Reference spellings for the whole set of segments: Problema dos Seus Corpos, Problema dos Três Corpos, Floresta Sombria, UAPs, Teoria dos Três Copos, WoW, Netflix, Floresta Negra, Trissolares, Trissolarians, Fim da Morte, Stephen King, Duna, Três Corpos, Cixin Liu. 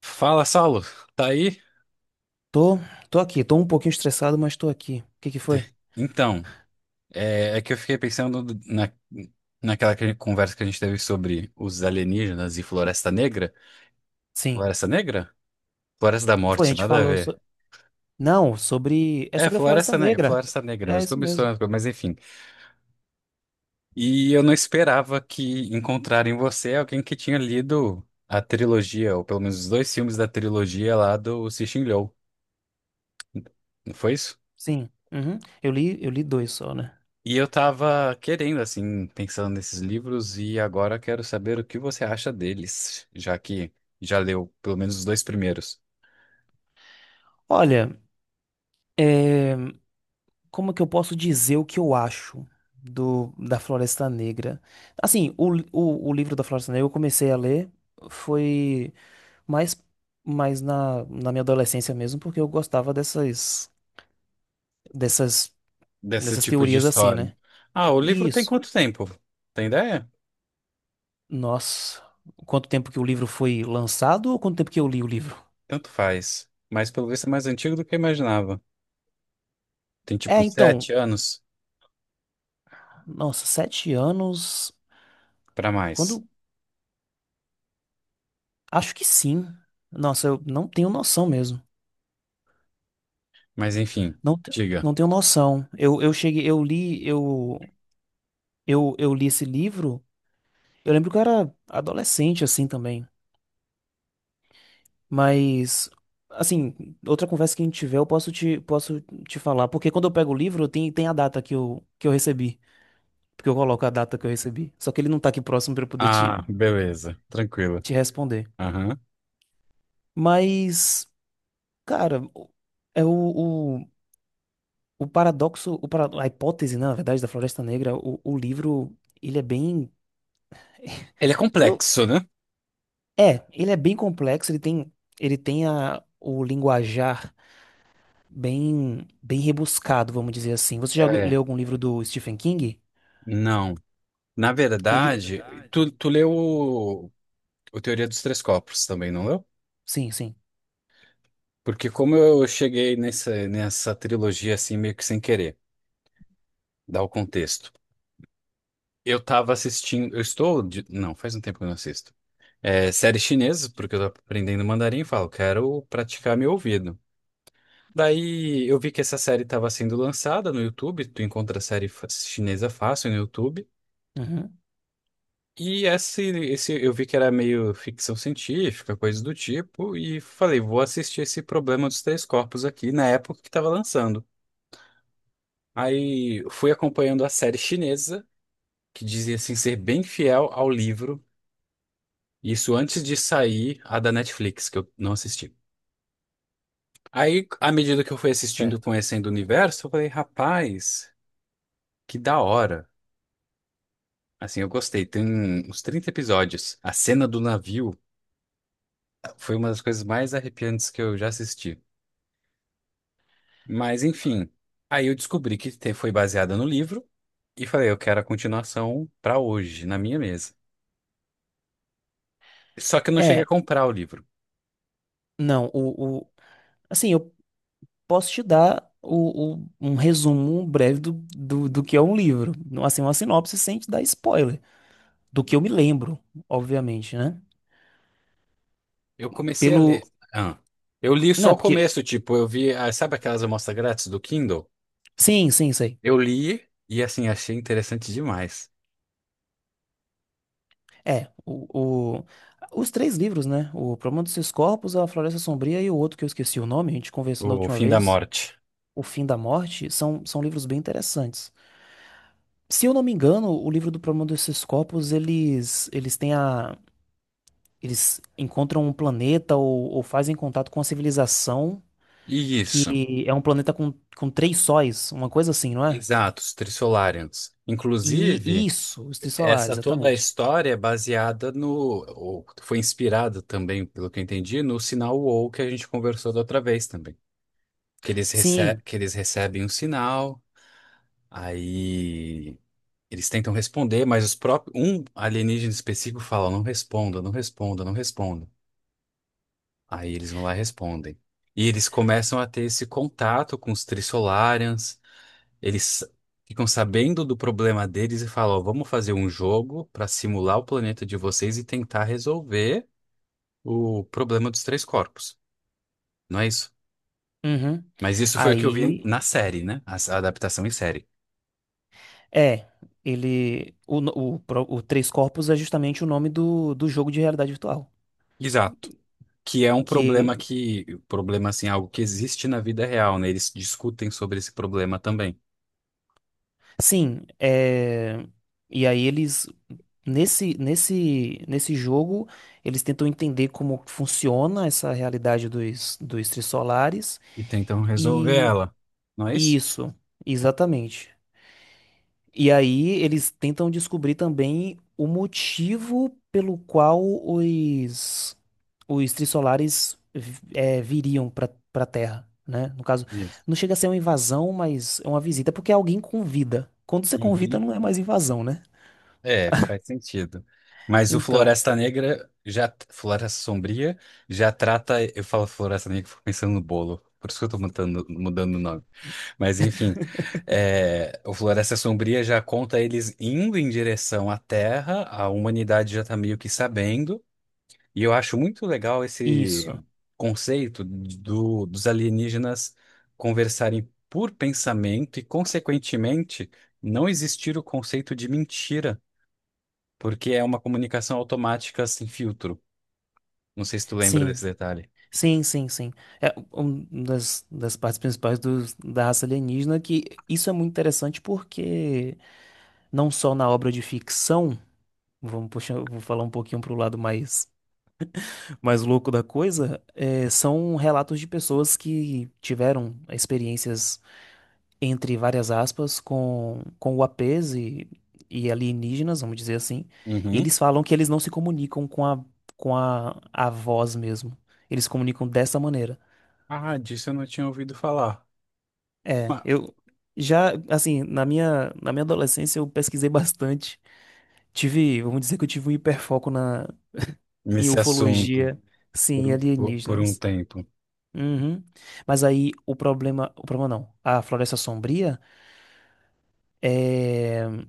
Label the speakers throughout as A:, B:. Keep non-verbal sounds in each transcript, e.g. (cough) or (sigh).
A: Fala, Saulo, tá aí?
B: Tô, tô aqui, tô um pouquinho estressado, mas tô aqui. O que que foi?
A: Então, é que eu fiquei pensando naquela conversa que a gente teve sobre os alienígenas e Floresta Negra.
B: Sim.
A: Floresta Negra? Floresta da
B: Foi, a
A: Morte,
B: gente
A: nada a
B: falou
A: ver.
B: so... Não, sobre. É
A: É,
B: sobre a Floresta
A: Floresta Negra,
B: Negra.
A: Floresta Negra, eu
B: É
A: estou
B: isso
A: misturando,
B: mesmo.
A: as coisas, mas enfim. E eu não esperava que encontrar em você alguém que tinha lido a trilogia, ou pelo menos os dois filmes da trilogia lá do Cixin Liu. Não foi isso?
B: Sim. Uhum. Eu li dois só, né?
A: E eu tava querendo, assim, pensando nesses livros e agora quero saber o que você acha deles, já que já leu pelo menos os dois primeiros
B: Olha, é, como que eu posso dizer o que eu acho do da Floresta Negra? Assim, o livro da Floresta Negra eu comecei a ler, foi mais, mais na minha adolescência mesmo, porque eu gostava dessas,
A: desse
B: dessas
A: tipo de
B: teorias assim,
A: história.
B: né?
A: Ah, o livro tem
B: Isso.
A: quanto tempo? Tem ideia?
B: Nossa, quanto tempo que o livro foi lançado ou quanto tempo que eu li o livro?
A: Tanto faz. Mas pelo visto é mais antigo do que eu imaginava. Tem tipo
B: É,
A: uns
B: então,
A: 7 anos
B: nossa, sete anos.
A: pra mais.
B: Quando? Acho que sim. Nossa, eu não tenho noção mesmo.
A: Mas enfim,
B: Não, te-
A: diga.
B: não tenho noção. Eu li esse livro. Eu lembro que eu era adolescente assim também. Mas, assim, outra conversa que a gente tiver, posso te falar. Porque quando eu pego o livro, tem a data que eu recebi. Porque eu coloco a data que eu recebi. Só que ele não tá aqui próximo pra eu poder
A: Ah, beleza. Tranquilo.
B: te responder.
A: Aham.
B: Mas, cara, o- é o paradoxo, o para- a hipótese, né, na verdade, da Floresta Negra, o livro, ele é bem,
A: Ele é
B: (laughs) eu não,
A: complexo, né?
B: é, ele é bem complexo, ele tem o linguajar bem rebuscado, vamos dizer assim. Você já
A: É.
B: leu algum livro do Stephen King?
A: Não. Na
B: Ele,
A: verdade, tu leu. O Teoria dos Três Copos também, não leu?
B: sim, sim.
A: Porque como eu cheguei nessa trilogia assim meio que sem querer, dá o contexto. Eu tava assistindo, eu estou, não, faz um tempo que eu não assisto. É, série chinesa, porque eu tô aprendendo mandarim e falo, quero praticar meu ouvido. Daí eu vi que essa série estava sendo lançada no YouTube, tu encontra série chinesa fácil no YouTube.
B: Uhum,
A: E esse eu vi que era meio ficção científica, coisa do tipo, e falei, vou assistir esse Problema dos Três Corpos aqui na época que estava lançando. Aí fui acompanhando a série chinesa, que dizia assim ser bem fiel ao livro, isso antes de sair a da Netflix, que eu não assisti. Aí, à medida que eu fui assistindo,
B: certo.
A: conhecendo o universo, eu falei, rapaz, que da hora. Assim, eu gostei. Tem uns 30 episódios. A cena do navio foi uma das coisas mais arrepiantes que eu já assisti. Mas, enfim, aí eu descobri que foi baseada no livro e falei, eu quero a continuação pra hoje, na minha mesa. Só que eu não cheguei a
B: É,
A: comprar o livro.
B: não, o, assim, eu posso te dar um resumo breve do que é um livro. Assim, uma sinopse sem te dar spoiler. Do que eu me lembro, obviamente, né?
A: Eu comecei a
B: Pelo.
A: ler. Ah. Eu li só
B: Né,
A: o
B: porque.
A: começo, tipo, eu vi, ah, sabe aquelas amostras grátis do Kindle?
B: Sim, sim, sei.
A: Eu li e assim achei interessante demais.
B: É, o, o- os três livros, né? O Problema dos Seus Corpos, A Floresta Sombria e o outro que eu esqueci o nome, a gente conversou na
A: O
B: última
A: Fim da
B: vez,
A: Morte.
B: O Fim da Morte, são livros bem interessantes. Se eu não me engano, o livro do Problema dos Seus Corpos, eles têm a. Eles encontram um planeta ou fazem contato com uma civilização
A: Isso.
B: que é um planeta com três sóis, uma coisa assim, não é?
A: Exato, os Trissolarians.
B: E
A: Inclusive,
B: isso, os trissolares,
A: essa toda a
B: exatamente.
A: história é baseada no, ou foi inspirada também, pelo que eu entendi, no sinal WoW que a gente conversou da outra vez também. Que eles, rece
B: Sim.
A: que eles recebem um sinal. Aí eles tentam responder, mas os próprios, um alienígena específico fala: não responda, não responda, não responda. Aí eles vão lá e respondem. E eles começam a ter esse contato com os Trissolarians, eles ficam sabendo do problema deles e falam: ó, vamos fazer um jogo para simular o planeta de vocês e tentar resolver o problema dos três corpos. Não é isso?
B: Uhum.
A: Mas isso foi o que eu vi
B: Aí,
A: na série, né? A adaptação em série.
B: é, ele. O, no- o, pro- o Três Corpos é justamente o nome do jogo de realidade virtual.
A: Exato. Que é um
B: Que
A: problema assim, algo que existe na vida real, né? Eles discutem sobre esse problema também
B: sim, é... e aí eles nesse jogo eles tentam entender como que funciona essa realidade dos trissolares
A: e tentam resolver
B: e
A: ela, não é
B: e
A: isso?
B: isso, exatamente. E aí eles tentam descobrir também o motivo pelo qual os trissolares viriam para Terra, né? No caso,
A: Isso.
B: não chega a ser uma invasão, mas é uma visita porque é alguém convida. Quando você convida,
A: Uhum.
B: não é mais invasão, né?
A: É, faz sentido. Mas o
B: Então,
A: Floresta Negra já, Floresta Sombria já trata, eu falo Floresta Negra, fico pensando no bolo, por isso que eu tô mudando o nome. Mas enfim, é, o Floresta Sombria já conta eles indo em direção à Terra, a humanidade já tá meio que sabendo. E eu acho muito legal
B: isso.
A: esse conceito dos alienígenas conversarem por pensamento e, consequentemente, não existir o conceito de mentira, porque é uma comunicação automática sem filtro. Não sei se tu lembra
B: Sim,
A: desse detalhe.
B: sim, sim, sim. É uma das, das partes principais dos da raça alienígena que isso é muito interessante porque não só na obra de ficção. Vamos puxar, vou falar um pouquinho pro lado mais louco da coisa. É, são relatos de pessoas que tiveram experiências, entre várias aspas, com UAPs e alienígenas, vamos dizer assim. E
A: Uhum.
B: eles falam que eles não se comunicam a voz mesmo. Eles se comunicam dessa maneira.
A: Ah, disso eu não tinha ouvido falar.
B: É,
A: Ah,
B: eu já, assim, na minha adolescência eu pesquisei bastante. Tive, vamos dizer que eu tive um hiperfoco em
A: nesse assunto,
B: ufologia, sim,
A: por
B: e
A: um, por, por um
B: alienígenas.
A: tempo.
B: Uhum. Mas aí o problema não. A Floresta Sombria é,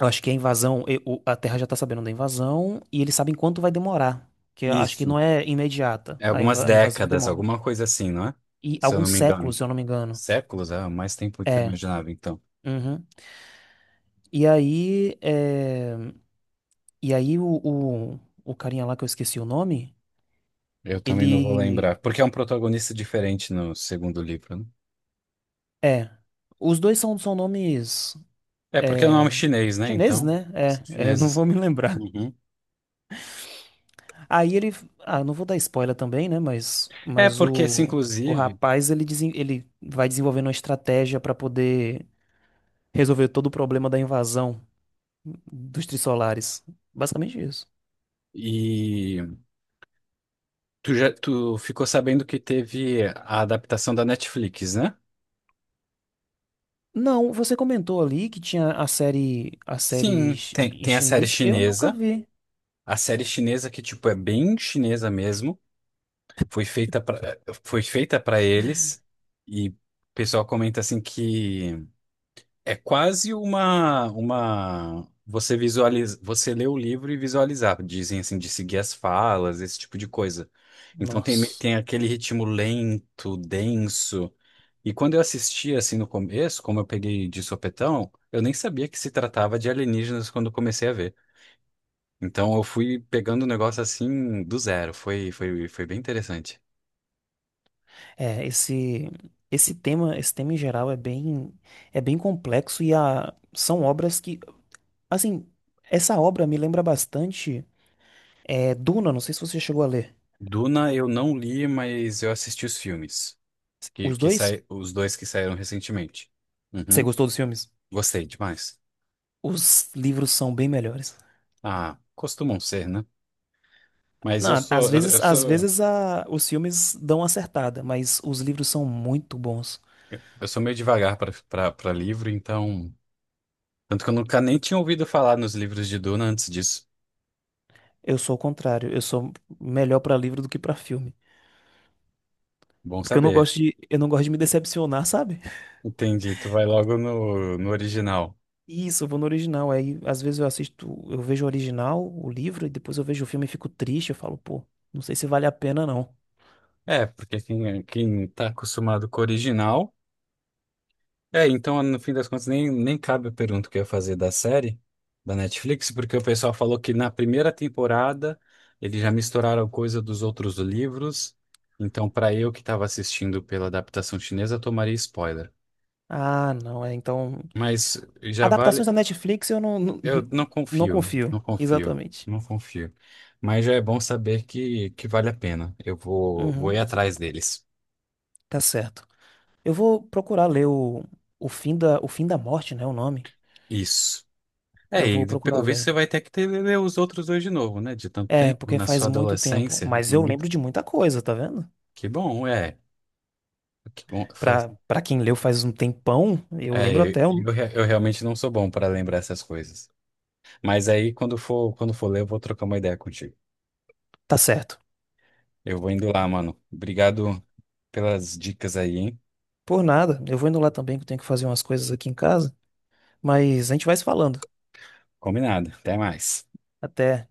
B: eu acho que a invasão, a Terra já tá sabendo da invasão e eles sabem quanto vai demorar, que eu acho que não
A: Isso.
B: é imediata.
A: É algumas
B: A invasão
A: décadas,
B: demora.
A: alguma coisa assim, não é?
B: E
A: Se eu não
B: alguns
A: me
B: séculos,
A: engano.
B: se eu não me engano.
A: Séculos? É mais tempo do que eu
B: É.
A: imaginava, então.
B: Uhum. E aí, é, e aí o carinha lá que eu esqueci o nome,
A: Eu também não vou
B: ele
A: lembrar. Porque é um protagonista diferente no segundo livro, né?
B: é, os dois são nomes
A: É porque é um
B: é,
A: nome é chinês, né?
B: chineses,
A: Então,
B: né?
A: são
B: Eu não
A: chineses.
B: vou me lembrar.
A: Uhum.
B: Aí ele, ah, não vou dar spoiler também, né?
A: É porque esse,
B: O
A: inclusive,
B: rapaz ele, ele vai desenvolvendo uma estratégia pra poder resolver todo o problema da invasão dos Trissolares. Basicamente isso.
A: e tu já tu ficou sabendo que teve a adaptação da Netflix, né?
B: Não, você comentou ali que tinha a série,
A: Sim, tem,
B: em
A: tem a série
B: chinês. Eu nunca
A: chinesa.
B: vi.
A: A série chinesa que, tipo, é bem chinesa mesmo. Foi feita pra, foi feita para eles. E o pessoal comenta assim que é quase uma. Você visualiza, você lê o livro e visualizar, dizem assim, de seguir as falas, esse tipo de coisa. Então
B: Nossa.
A: tem aquele ritmo lento, denso. E quando eu assisti assim no começo, como eu peguei de sopetão, eu nem sabia que se tratava de alienígenas quando eu comecei a ver. Então eu fui pegando o negócio assim do zero. Foi bem interessante.
B: É, esse esse tema, esse tema em geral é bem complexo são obras que, assim, essa obra me lembra bastante. É Duna, não sei se você chegou a ler.
A: Duna eu não li, mas eu assisti os filmes,
B: Os dois?
A: os dois que saíram recentemente.
B: Você
A: Uhum.
B: gostou dos filmes?
A: Gostei demais.
B: Os livros são bem melhores.
A: Ah, costumam ser, né? Mas eu
B: Não, às
A: sou, eu, eu
B: vezes,
A: sou,
B: os filmes dão uma acertada, mas os livros são muito bons.
A: eu sou meio devagar para livro, então. Tanto que eu nunca nem tinha ouvido falar nos livros de Duna antes disso.
B: Eu sou o contrário, eu sou melhor pra livro do que pra filme,
A: Bom
B: porque eu não
A: saber.
B: gosto de, eu não gosto de me decepcionar, sabe?
A: Entendi, tu vai logo no original.
B: Isso, eu vou no original. Aí às vezes eu assisto, eu vejo o original, o livro, e depois eu vejo o filme e fico triste. Eu falo, pô, não sei se vale a pena não.
A: É, porque quem, é, quem tá acostumado com o original. É, então, no fim das contas, nem cabe a pergunta que eu ia fazer da série, da Netflix, porque o pessoal falou que na primeira temporada eles já misturaram coisa dos outros livros. Então, para eu que estava assistindo pela adaptação chinesa, eu tomaria spoiler.
B: Ah, não, é então.
A: Mas já
B: Adaptações
A: vale.
B: da Netflix eu não,
A: Eu não
B: (laughs) não
A: confio,
B: confio.
A: não confio,
B: Exatamente.
A: não confio. Mas já é bom saber que vale a pena. Eu vou ir
B: Uhum,
A: atrás deles.
B: tá certo. Eu vou procurar ler o Fim da Morte, né? O nome.
A: Isso. É,
B: Eu vou
A: e
B: procurar
A: pelo visto você
B: ler.
A: vai ter que ler os outros dois de novo, né? De tanto
B: É,
A: tempo,
B: porque
A: na
B: faz
A: sua
B: muito tempo.
A: adolescência. Né, é
B: Mas eu
A: muito...
B: lembro de muita coisa, tá vendo?
A: Que bom, é. Que bom, faz...
B: Pra quem leu faz um tempão, eu
A: É,
B: lembro
A: eu,
B: até.
A: eu re- eu realmente não sou bom para lembrar essas coisas. Mas aí, quando for ler, eu vou trocar uma ideia contigo.
B: Tá certo.
A: Eu vou indo lá, mano. Obrigado pelas dicas aí, hein?
B: Por nada. Eu vou indo lá também, que eu tenho que fazer umas coisas aqui em casa. Mas a gente vai se falando.
A: Combinado. Até mais.
B: Até.